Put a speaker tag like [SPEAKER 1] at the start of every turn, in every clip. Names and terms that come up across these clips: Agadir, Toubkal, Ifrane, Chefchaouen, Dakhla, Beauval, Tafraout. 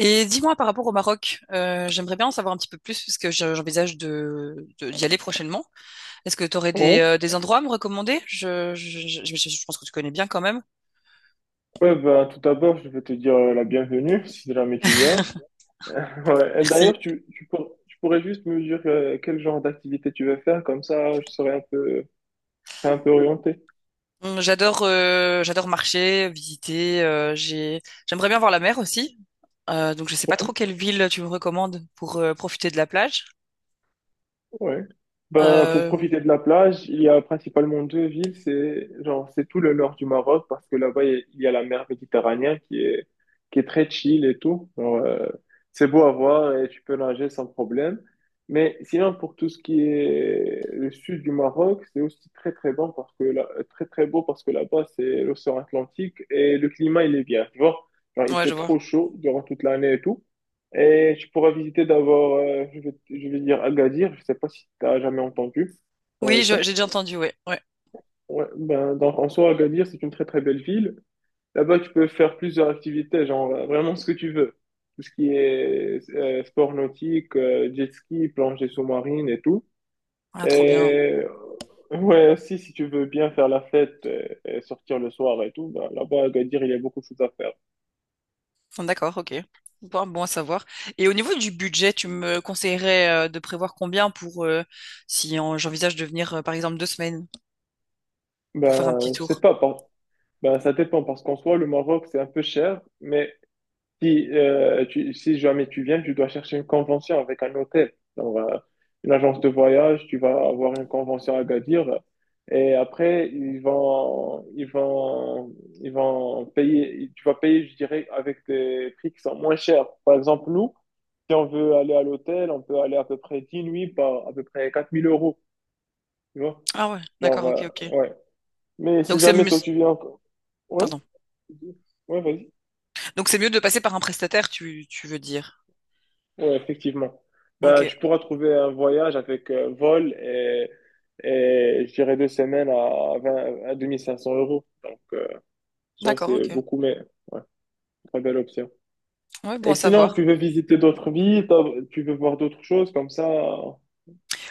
[SPEAKER 1] Et dis-moi par rapport au Maroc, j'aimerais bien en savoir un petit peu plus parce que j'envisage d'y aller prochainement. Est-ce que tu aurais
[SPEAKER 2] Ouais,
[SPEAKER 1] des endroits à me recommander? Je pense que tu connais bien quand même.
[SPEAKER 2] ouais, bah, tout d'abord, je vais te dire la bienvenue si jamais tu viens. Ouais. Et
[SPEAKER 1] Merci.
[SPEAKER 2] d'ailleurs, tu pourrais juste me dire quel genre d'activité tu veux faire, comme ça je serai un peu orienté.
[SPEAKER 1] J'adore j'adore marcher, visiter. J'aimerais bien voir la mer aussi. Donc je sais pas trop
[SPEAKER 2] Ouais.
[SPEAKER 1] quelle ville tu me recommandes pour profiter de la plage.
[SPEAKER 2] Ouais. Ben, pour
[SPEAKER 1] Euh,
[SPEAKER 2] profiter de la plage, il y a principalement 2 villes. C'est genre, c'est tout le nord du Maroc parce que là-bas, il y a la mer Méditerranée qui est très chill et tout. Genre, c'est beau à voir et tu peux nager sans problème. Mais sinon, pour tout ce qui est le sud du Maroc, c'est aussi très très bon parce que là, très très beau parce que là-bas, c'est l'océan Atlantique et le climat, il est bien. Tu vois, genre, il
[SPEAKER 1] ouais,
[SPEAKER 2] fait
[SPEAKER 1] je vois.
[SPEAKER 2] trop chaud durant toute l'année et tout. Et tu pourras visiter d'abord, je vais dire Agadir. Je sais pas si tu as jamais entendu parler
[SPEAKER 1] Oui,
[SPEAKER 2] de ça.
[SPEAKER 1] j'ai déjà entendu. Ouais, ouais.
[SPEAKER 2] Ouais, ben, en soi, Agadir, c'est une très très belle ville. Là-bas, tu peux faire plusieurs activités, genre vraiment ce que tu veux. Tout ce qui est sport nautique, jet ski, plongée sous-marine et tout.
[SPEAKER 1] Ah, trop bien.
[SPEAKER 2] Et ouais, aussi, si tu veux bien faire la fête et sortir le soir et tout, ben, là-bas, à Agadir, il y a beaucoup de choses à faire.
[SPEAKER 1] D'accord, ok. Bon, bon à savoir. Et au niveau du budget, tu me conseillerais de prévoir combien pour si j'envisage de venir, par exemple, deux semaines pour faire un petit
[SPEAKER 2] Ben, je sais
[SPEAKER 1] tour?
[SPEAKER 2] pas, par- Ben, ça dépend parce qu'en soi, le Maroc, c'est un peu cher. Mais si, si jamais tu viens, tu dois chercher une convention avec un hôtel, genre, une agence de voyage, tu vas avoir une convention à Gadir. Et après, ils vont payer, tu vas payer, je dirais, avec des prix qui sont moins chers. Par exemple, nous, si on veut aller à l'hôtel, on peut aller à peu près 10 nuits par à peu près 4000 euros, tu vois.
[SPEAKER 1] Ah ouais,
[SPEAKER 2] Genre,
[SPEAKER 1] d'accord, ok, ok.
[SPEAKER 2] ouais. Mais si
[SPEAKER 1] Donc c'est
[SPEAKER 2] jamais
[SPEAKER 1] mieux,
[SPEAKER 2] toi tu viens, encore. ouais,
[SPEAKER 1] pardon.
[SPEAKER 2] ouais, Vas-y.
[SPEAKER 1] Donc c'est mieux de passer par un prestataire, tu veux dire.
[SPEAKER 2] Oui, effectivement.
[SPEAKER 1] Ok,
[SPEAKER 2] Bah, tu pourras trouver un voyage avec vol et je dirais 2 semaines à 20, à 2500 euros. Ça,
[SPEAKER 1] d'accord,
[SPEAKER 2] c'est
[SPEAKER 1] ok.
[SPEAKER 2] beaucoup, mais ouais, très belle option.
[SPEAKER 1] Ouais, bon
[SPEAKER 2] Et
[SPEAKER 1] à
[SPEAKER 2] sinon,
[SPEAKER 1] savoir.
[SPEAKER 2] tu veux voir d'autres choses comme ça.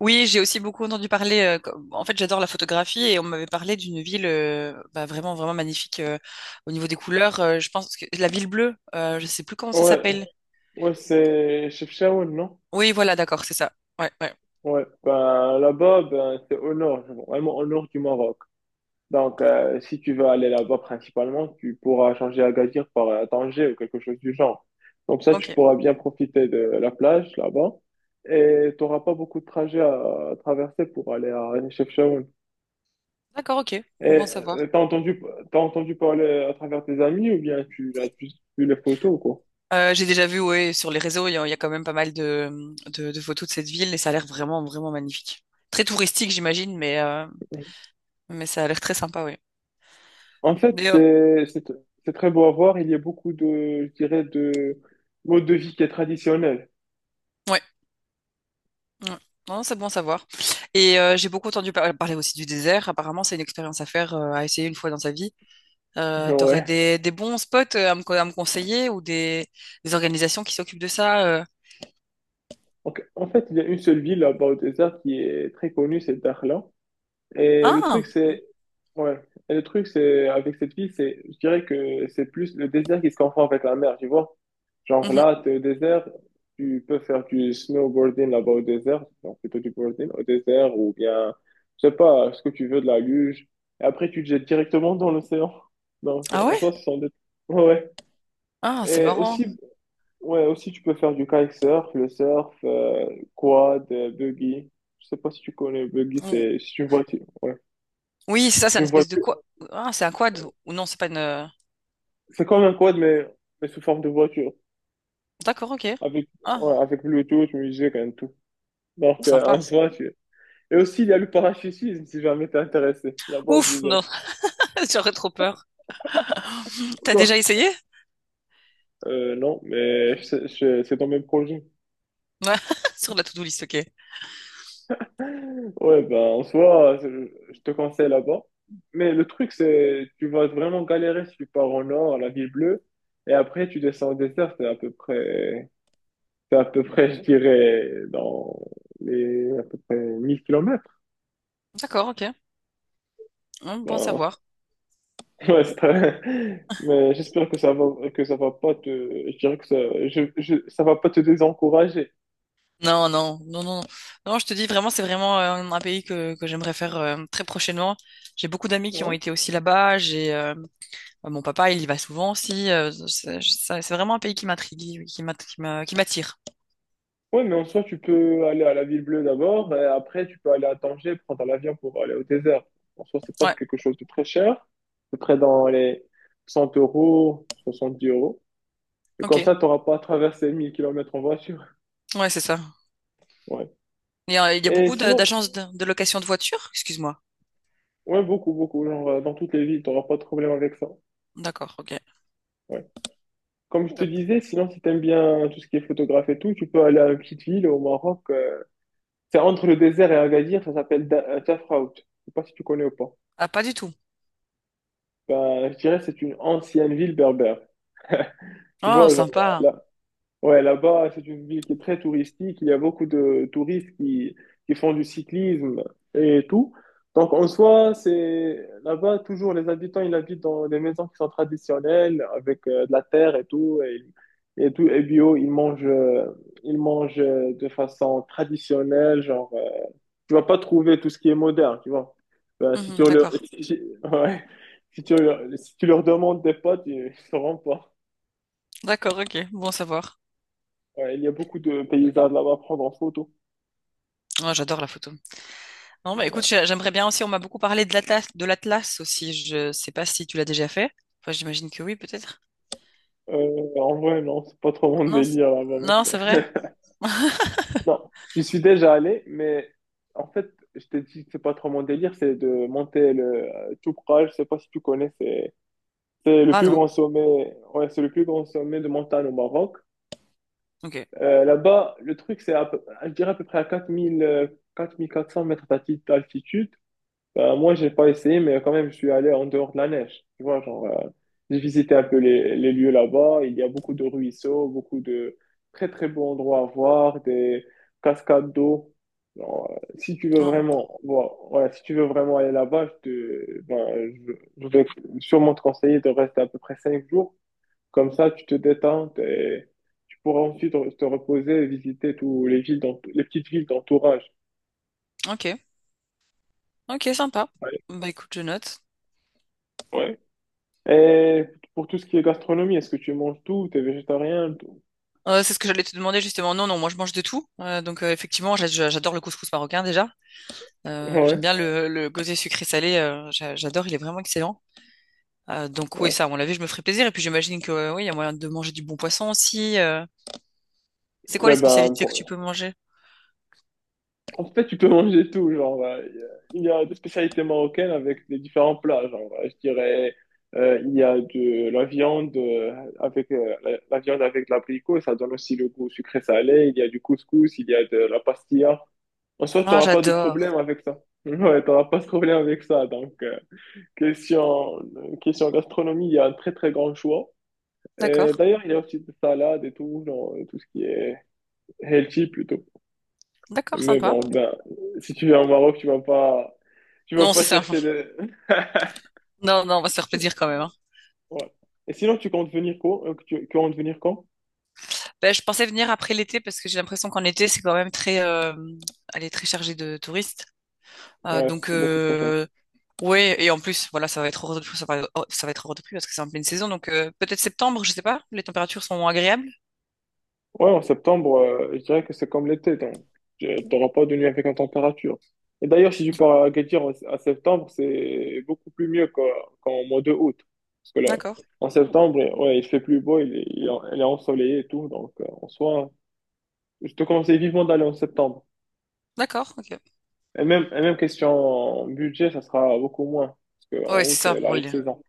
[SPEAKER 1] Oui, j'ai aussi beaucoup entendu parler. En fait, j'adore la photographie et on m'avait parlé d'une ville bah, vraiment, vraiment magnifique au niveau des couleurs. Je pense que la ville bleue, je sais plus comment ça
[SPEAKER 2] Ouais,
[SPEAKER 1] s'appelle.
[SPEAKER 2] ouais, c'est Chefchaouen, non?
[SPEAKER 1] Oui, voilà, d'accord, c'est ça. Ouais, ouais.
[SPEAKER 2] Ouais, ben là-bas, ben, c'est au nord, vraiment au nord du Maroc. Donc, si tu veux aller là-bas principalement, tu pourras changer Agadir par Tanger ou quelque chose du genre. Comme ça, tu
[SPEAKER 1] Ok,
[SPEAKER 2] pourras bien profiter de la plage là-bas et tu n'auras pas beaucoup de trajets à traverser pour aller à Chefchaouen.
[SPEAKER 1] d'accord, ok,
[SPEAKER 2] Et
[SPEAKER 1] bon
[SPEAKER 2] euh,
[SPEAKER 1] savoir.
[SPEAKER 2] t'as entendu, t'as entendu parler à travers tes amis ou bien tu as juste vu les photos, quoi?
[SPEAKER 1] J'ai déjà vu, ouais, sur les réseaux, il y a quand même pas mal de photos de cette ville et ça a l'air vraiment, vraiment magnifique. Très touristique, j'imagine, mais ça a l'air très sympa, oui.
[SPEAKER 2] En fait,
[SPEAKER 1] Mais,
[SPEAKER 2] c'est très beau à voir. Il y a beaucoup de, je dirais, de mode de vie qui est traditionnel.
[SPEAKER 1] ouais, ouais. Non, c'est bon à savoir. Et j'ai beaucoup entendu parler aussi du désert. Apparemment, c'est une expérience à faire, à essayer une fois dans sa vie. T'aurais
[SPEAKER 2] Ouais.
[SPEAKER 1] des bons spots à à me conseiller ou des organisations qui s'occupent de ça.
[SPEAKER 2] Donc, en fait, il y a une seule ville à Baudésart qui est très connue, c'est Dakhla. Et le
[SPEAKER 1] Ah,
[SPEAKER 2] truc, c'est, ouais, et le truc, c'est, avec cette ville, c'est, je dirais que c'est plus le désert qui se confond avec la mer, tu vois. Genre
[SPEAKER 1] mhm.
[SPEAKER 2] là, t'es au désert, tu peux faire du snowboarding là-bas au désert, donc plutôt du boarding au désert, ou bien, je sais pas, ce que tu veux, de la luge. Et après, tu te jettes directement dans l'océan. Donc,
[SPEAKER 1] Ah
[SPEAKER 2] en
[SPEAKER 1] ouais?
[SPEAKER 2] soi, ce sont des... Ouais.
[SPEAKER 1] Ah, c'est
[SPEAKER 2] Ouais. Et
[SPEAKER 1] marrant.
[SPEAKER 2] aussi, ouais, aussi tu peux faire du kitesurf, le surf, quad, buggy. Je sais pas si tu connais buggy,
[SPEAKER 1] Oh,
[SPEAKER 2] c'est une voiture. Ouais,
[SPEAKER 1] oui, c'est ça, c'est
[SPEAKER 2] c'est
[SPEAKER 1] une
[SPEAKER 2] une
[SPEAKER 1] espèce de
[SPEAKER 2] voiture.
[SPEAKER 1] quoi? Ah, c'est un quad. Ou non, c'est pas une.
[SPEAKER 2] C'est comme un quad mais sous forme de voiture,
[SPEAKER 1] D'accord, ok.
[SPEAKER 2] avec
[SPEAKER 1] Ah,
[SPEAKER 2] ouais, avec Bluetooth, musique et tout. Donc en
[SPEAKER 1] sympa.
[SPEAKER 2] soi, tu... et aussi il y a le parachutisme si jamais t'es intéressé. Là-bas au
[SPEAKER 1] Ouf,
[SPEAKER 2] désert.
[SPEAKER 1] non, j'aurais trop peur. T'as
[SPEAKER 2] Quoi?
[SPEAKER 1] déjà essayé?
[SPEAKER 2] Non, mais c'est dans mes projets.
[SPEAKER 1] Ouais, sur la to-do list, ok.
[SPEAKER 2] Ouais, ben, en soi, je te conseille là-bas. Mais le truc, c'est, tu vas vraiment galérer si tu pars au nord, à la ville bleue, et après, tu descends au désert, c'est à peu près, je dirais, dans les, à peu près 1 000 km.
[SPEAKER 1] D'accord, ok. Bon à
[SPEAKER 2] Ben,
[SPEAKER 1] savoir.
[SPEAKER 2] ouais, c'est très- mais j'espère que ça va pas te, je dirais que ça, je- ça va pas te désencourager.
[SPEAKER 1] Non, non, non, non. Non, je te dis vraiment, c'est vraiment un pays que j'aimerais faire très prochainement. J'ai beaucoup d'amis qui ont
[SPEAKER 2] Ouais.
[SPEAKER 1] été aussi là-bas. J'ai mon papa, il y va souvent aussi. C'est vraiment un pays qui m'intrigue, qui m'attire.
[SPEAKER 2] Oui, mais en soi, tu peux aller à la Ville Bleue d'abord, et après, tu peux aller à Tanger, prendre l'avion pour aller au désert. En soi, c'est pas
[SPEAKER 1] Ouais,
[SPEAKER 2] quelque chose de très cher, à peu près dans les 100 euros, 70 euros. Et comme
[SPEAKER 1] ok.
[SPEAKER 2] ça, tu n'auras pas à traverser 1 000 km en voiture.
[SPEAKER 1] Ouais, c'est ça.
[SPEAKER 2] Ouais.
[SPEAKER 1] Il y a
[SPEAKER 2] Et
[SPEAKER 1] beaucoup
[SPEAKER 2] sinon,
[SPEAKER 1] d'agences de location de voitures? Excuse-moi.
[SPEAKER 2] ouais, beaucoup, beaucoup. Genre, dans toutes les villes, tu n'auras pas de problème avec ça.
[SPEAKER 1] D'accord, ok.
[SPEAKER 2] Ouais. Comme je te
[SPEAKER 1] Top.
[SPEAKER 2] disais, sinon, si t'aimes bien tout ce qui est photographe et tout, tu peux aller à une petite ville au Maroc. C'est entre le désert et Agadir, ça s'appelle Tafraout. Je sais pas si tu connais ou pas.
[SPEAKER 1] Ah, pas du tout.
[SPEAKER 2] Ben, je dirais que c'est une ancienne ville berbère. Tu
[SPEAKER 1] Oh,
[SPEAKER 2] vois, genre
[SPEAKER 1] sympa.
[SPEAKER 2] là, là- ouais, là-bas, c'est une ville qui est très touristique. Il y a beaucoup de touristes qui font du cyclisme et tout. Donc, en soi, c'est là-bas, toujours les habitants, ils habitent dans des maisons qui sont traditionnelles, avec de la terre et tout, et bio. Ils mangent de façon traditionnelle, genre tu vas pas trouver tout ce qui est moderne, tu vois. Ben, si
[SPEAKER 1] Mhm,
[SPEAKER 2] tu leur,
[SPEAKER 1] d'accord.
[SPEAKER 2] si, ouais. Si tu leur, si tu leur demandes des potes, ils ne sauront pas.
[SPEAKER 1] D'accord, ok. Bon à savoir.
[SPEAKER 2] Ouais, il y a beaucoup de paysages là-bas à prendre en photo.
[SPEAKER 1] Oh, j'adore la photo. Non, bah
[SPEAKER 2] Ouais.
[SPEAKER 1] écoute, j'aimerais bien aussi, on m'a beaucoup parlé de l'Atlas aussi. Je sais pas si tu l'as déjà fait. Enfin, j'imagine que oui, peut-être.
[SPEAKER 2] En vrai, non, c'est pas trop mon
[SPEAKER 1] Non,
[SPEAKER 2] délire
[SPEAKER 1] non,
[SPEAKER 2] là-bas.
[SPEAKER 1] c'est vrai?
[SPEAKER 2] Non, j'y suis déjà allé, mais en fait, je t'ai dit que c'est pas trop mon délire, c'est de monter le Toubkal, je sais pas si tu connais,
[SPEAKER 1] Ah non.
[SPEAKER 2] c'est le plus grand sommet de montagne au Maroc.
[SPEAKER 1] Ok.
[SPEAKER 2] Là-bas, le truc, c'est à peu- je dirais à peu près à 4000, 4400 mètres d'altitude. Moi, j'ai pas essayé, mais quand même, je suis allé en dehors de la neige. Tu vois, genre, j'ai visité un peu les lieux là-bas. Il y a beaucoup de ruisseaux, beaucoup de très, très beaux endroits à voir, des cascades d'eau. Genre, si tu veux
[SPEAKER 1] Non.
[SPEAKER 2] vraiment, voilà, si tu veux vraiment aller là-bas, je vais sûrement te conseiller de rester à peu près 5 jours comme ça, tu te détends et tu pourras ensuite te reposer et visiter tous les villes les petites villes d'entourage.
[SPEAKER 1] Ok. Ok, sympa.
[SPEAKER 2] Ouais.
[SPEAKER 1] Bah écoute, je note.
[SPEAKER 2] Ouais. Et pour tout ce qui est gastronomie, est-ce que tu manges tout? T'es végétarien? Tout
[SPEAKER 1] C'est ce que j'allais te demander justement. Non, non, moi je mange de tout. Donc effectivement, j'adore le couscous marocain déjà. J'aime
[SPEAKER 2] ouais,
[SPEAKER 1] bien le gosée sucré-salé, j'adore, il est vraiment excellent. Donc oui,
[SPEAKER 2] ouais.
[SPEAKER 1] ça, à mon avis, je me ferai plaisir. Et puis j'imagine que oui, il y a moyen de manger du bon poisson aussi. C'est quoi
[SPEAKER 2] Ouais,
[SPEAKER 1] les
[SPEAKER 2] ben,
[SPEAKER 1] spécialités que tu
[SPEAKER 2] pour-
[SPEAKER 1] peux manger?
[SPEAKER 2] En fait, tu peux manger tout, genre, il y a des spécialités marocaines avec des différents plats, genre, il y a de la viande avec la viande avec de l'abricot, ça donne aussi le goût sucré-salé, il y a du couscous, il y a de la pastilla. En soi,
[SPEAKER 1] Ah,
[SPEAKER 2] t'auras pas de
[SPEAKER 1] j'adore.
[SPEAKER 2] problème avec ça. Ouais, t'auras pas de problème avec ça. Donc, question, question gastronomie, il y a un très très grand choix. Et
[SPEAKER 1] D'accord.
[SPEAKER 2] d'ailleurs, il y a aussi des salades et tout, genre, tout ce qui est healthy plutôt.
[SPEAKER 1] D'accord,
[SPEAKER 2] Mais
[SPEAKER 1] sympa.
[SPEAKER 2] bon, ben, si tu viens au Maroc, tu vas
[SPEAKER 1] Non,
[SPEAKER 2] pas
[SPEAKER 1] c'est ça.
[SPEAKER 2] chercher de.
[SPEAKER 1] Non, non, on va se faire plaisir quand même. Hein.
[SPEAKER 2] Ouais. Et sinon, tu comptes venir quand?
[SPEAKER 1] Ben, je pensais venir après l'été parce que j'ai l'impression qu'en été, c'est quand même très, elle est très chargée de touristes. Euh,
[SPEAKER 2] Ouais,
[SPEAKER 1] donc
[SPEAKER 2] beaucoup trop cher.
[SPEAKER 1] euh, ouais, et en plus, voilà, ça va être hors de prix, ça va, oh, ça va être hors de prix parce que c'est en pleine saison, donc peut-être septembre, je sais pas. Les températures sont agréables.
[SPEAKER 2] Ouais, en septembre, je dirais que c'est comme l'été, donc tu n'auras pas de nuit avec la température. Et d'ailleurs, si tu pars à Agadir à septembre, c'est beaucoup plus mieux qu'en mois de août. Parce que là,
[SPEAKER 1] D'accord,
[SPEAKER 2] en septembre, ouais, il fait plus beau, il est ensoleillé et tout, donc en soi, je te conseille vivement d'aller en septembre.
[SPEAKER 1] d'accord, ok.
[SPEAKER 2] Et même question budget, ça sera beaucoup moins. Parce qu'en
[SPEAKER 1] Ouais, c'est
[SPEAKER 2] août,
[SPEAKER 1] ça
[SPEAKER 2] c'est la
[SPEAKER 1] pour
[SPEAKER 2] haute
[SPEAKER 1] le.
[SPEAKER 2] saison.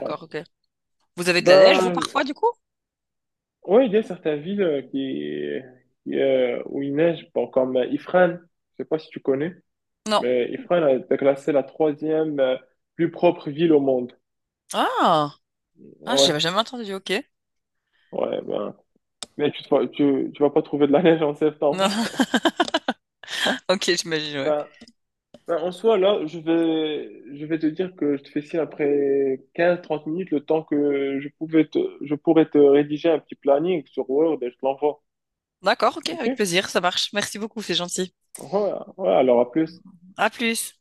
[SPEAKER 2] Ouais.
[SPEAKER 1] ok. Vous avez de la neige, vous,
[SPEAKER 2] Ben,
[SPEAKER 1] parfois, du coup?
[SPEAKER 2] oui, il y a certaines villes où il neige, bon, comme Ifrane. Je sais pas si tu connais,
[SPEAKER 1] Non.
[SPEAKER 2] mais Ifrane a été classée la troisième plus propre ville au monde.
[SPEAKER 1] Ah, ah, j'avais
[SPEAKER 2] Ouais,
[SPEAKER 1] jamais entendu. Ok.
[SPEAKER 2] ouais, ben. Mais tu, te vois- tu vas pas trouver de la neige en septembre. Ouais.
[SPEAKER 1] Ok, j'imagine. Ouais.
[SPEAKER 2] Ben, Bah, en soi, là, je vais te dire que je te fais signe après 15 à 30 minutes, le temps que je pourrais te rédiger un petit planning sur Word et je te l'envoie.
[SPEAKER 1] D'accord, ok,
[SPEAKER 2] OK?
[SPEAKER 1] avec
[SPEAKER 2] Ouais,
[SPEAKER 1] plaisir, ça marche. Merci beaucoup, c'est gentil.
[SPEAKER 2] ouais, ouais, alors à plus.
[SPEAKER 1] À plus.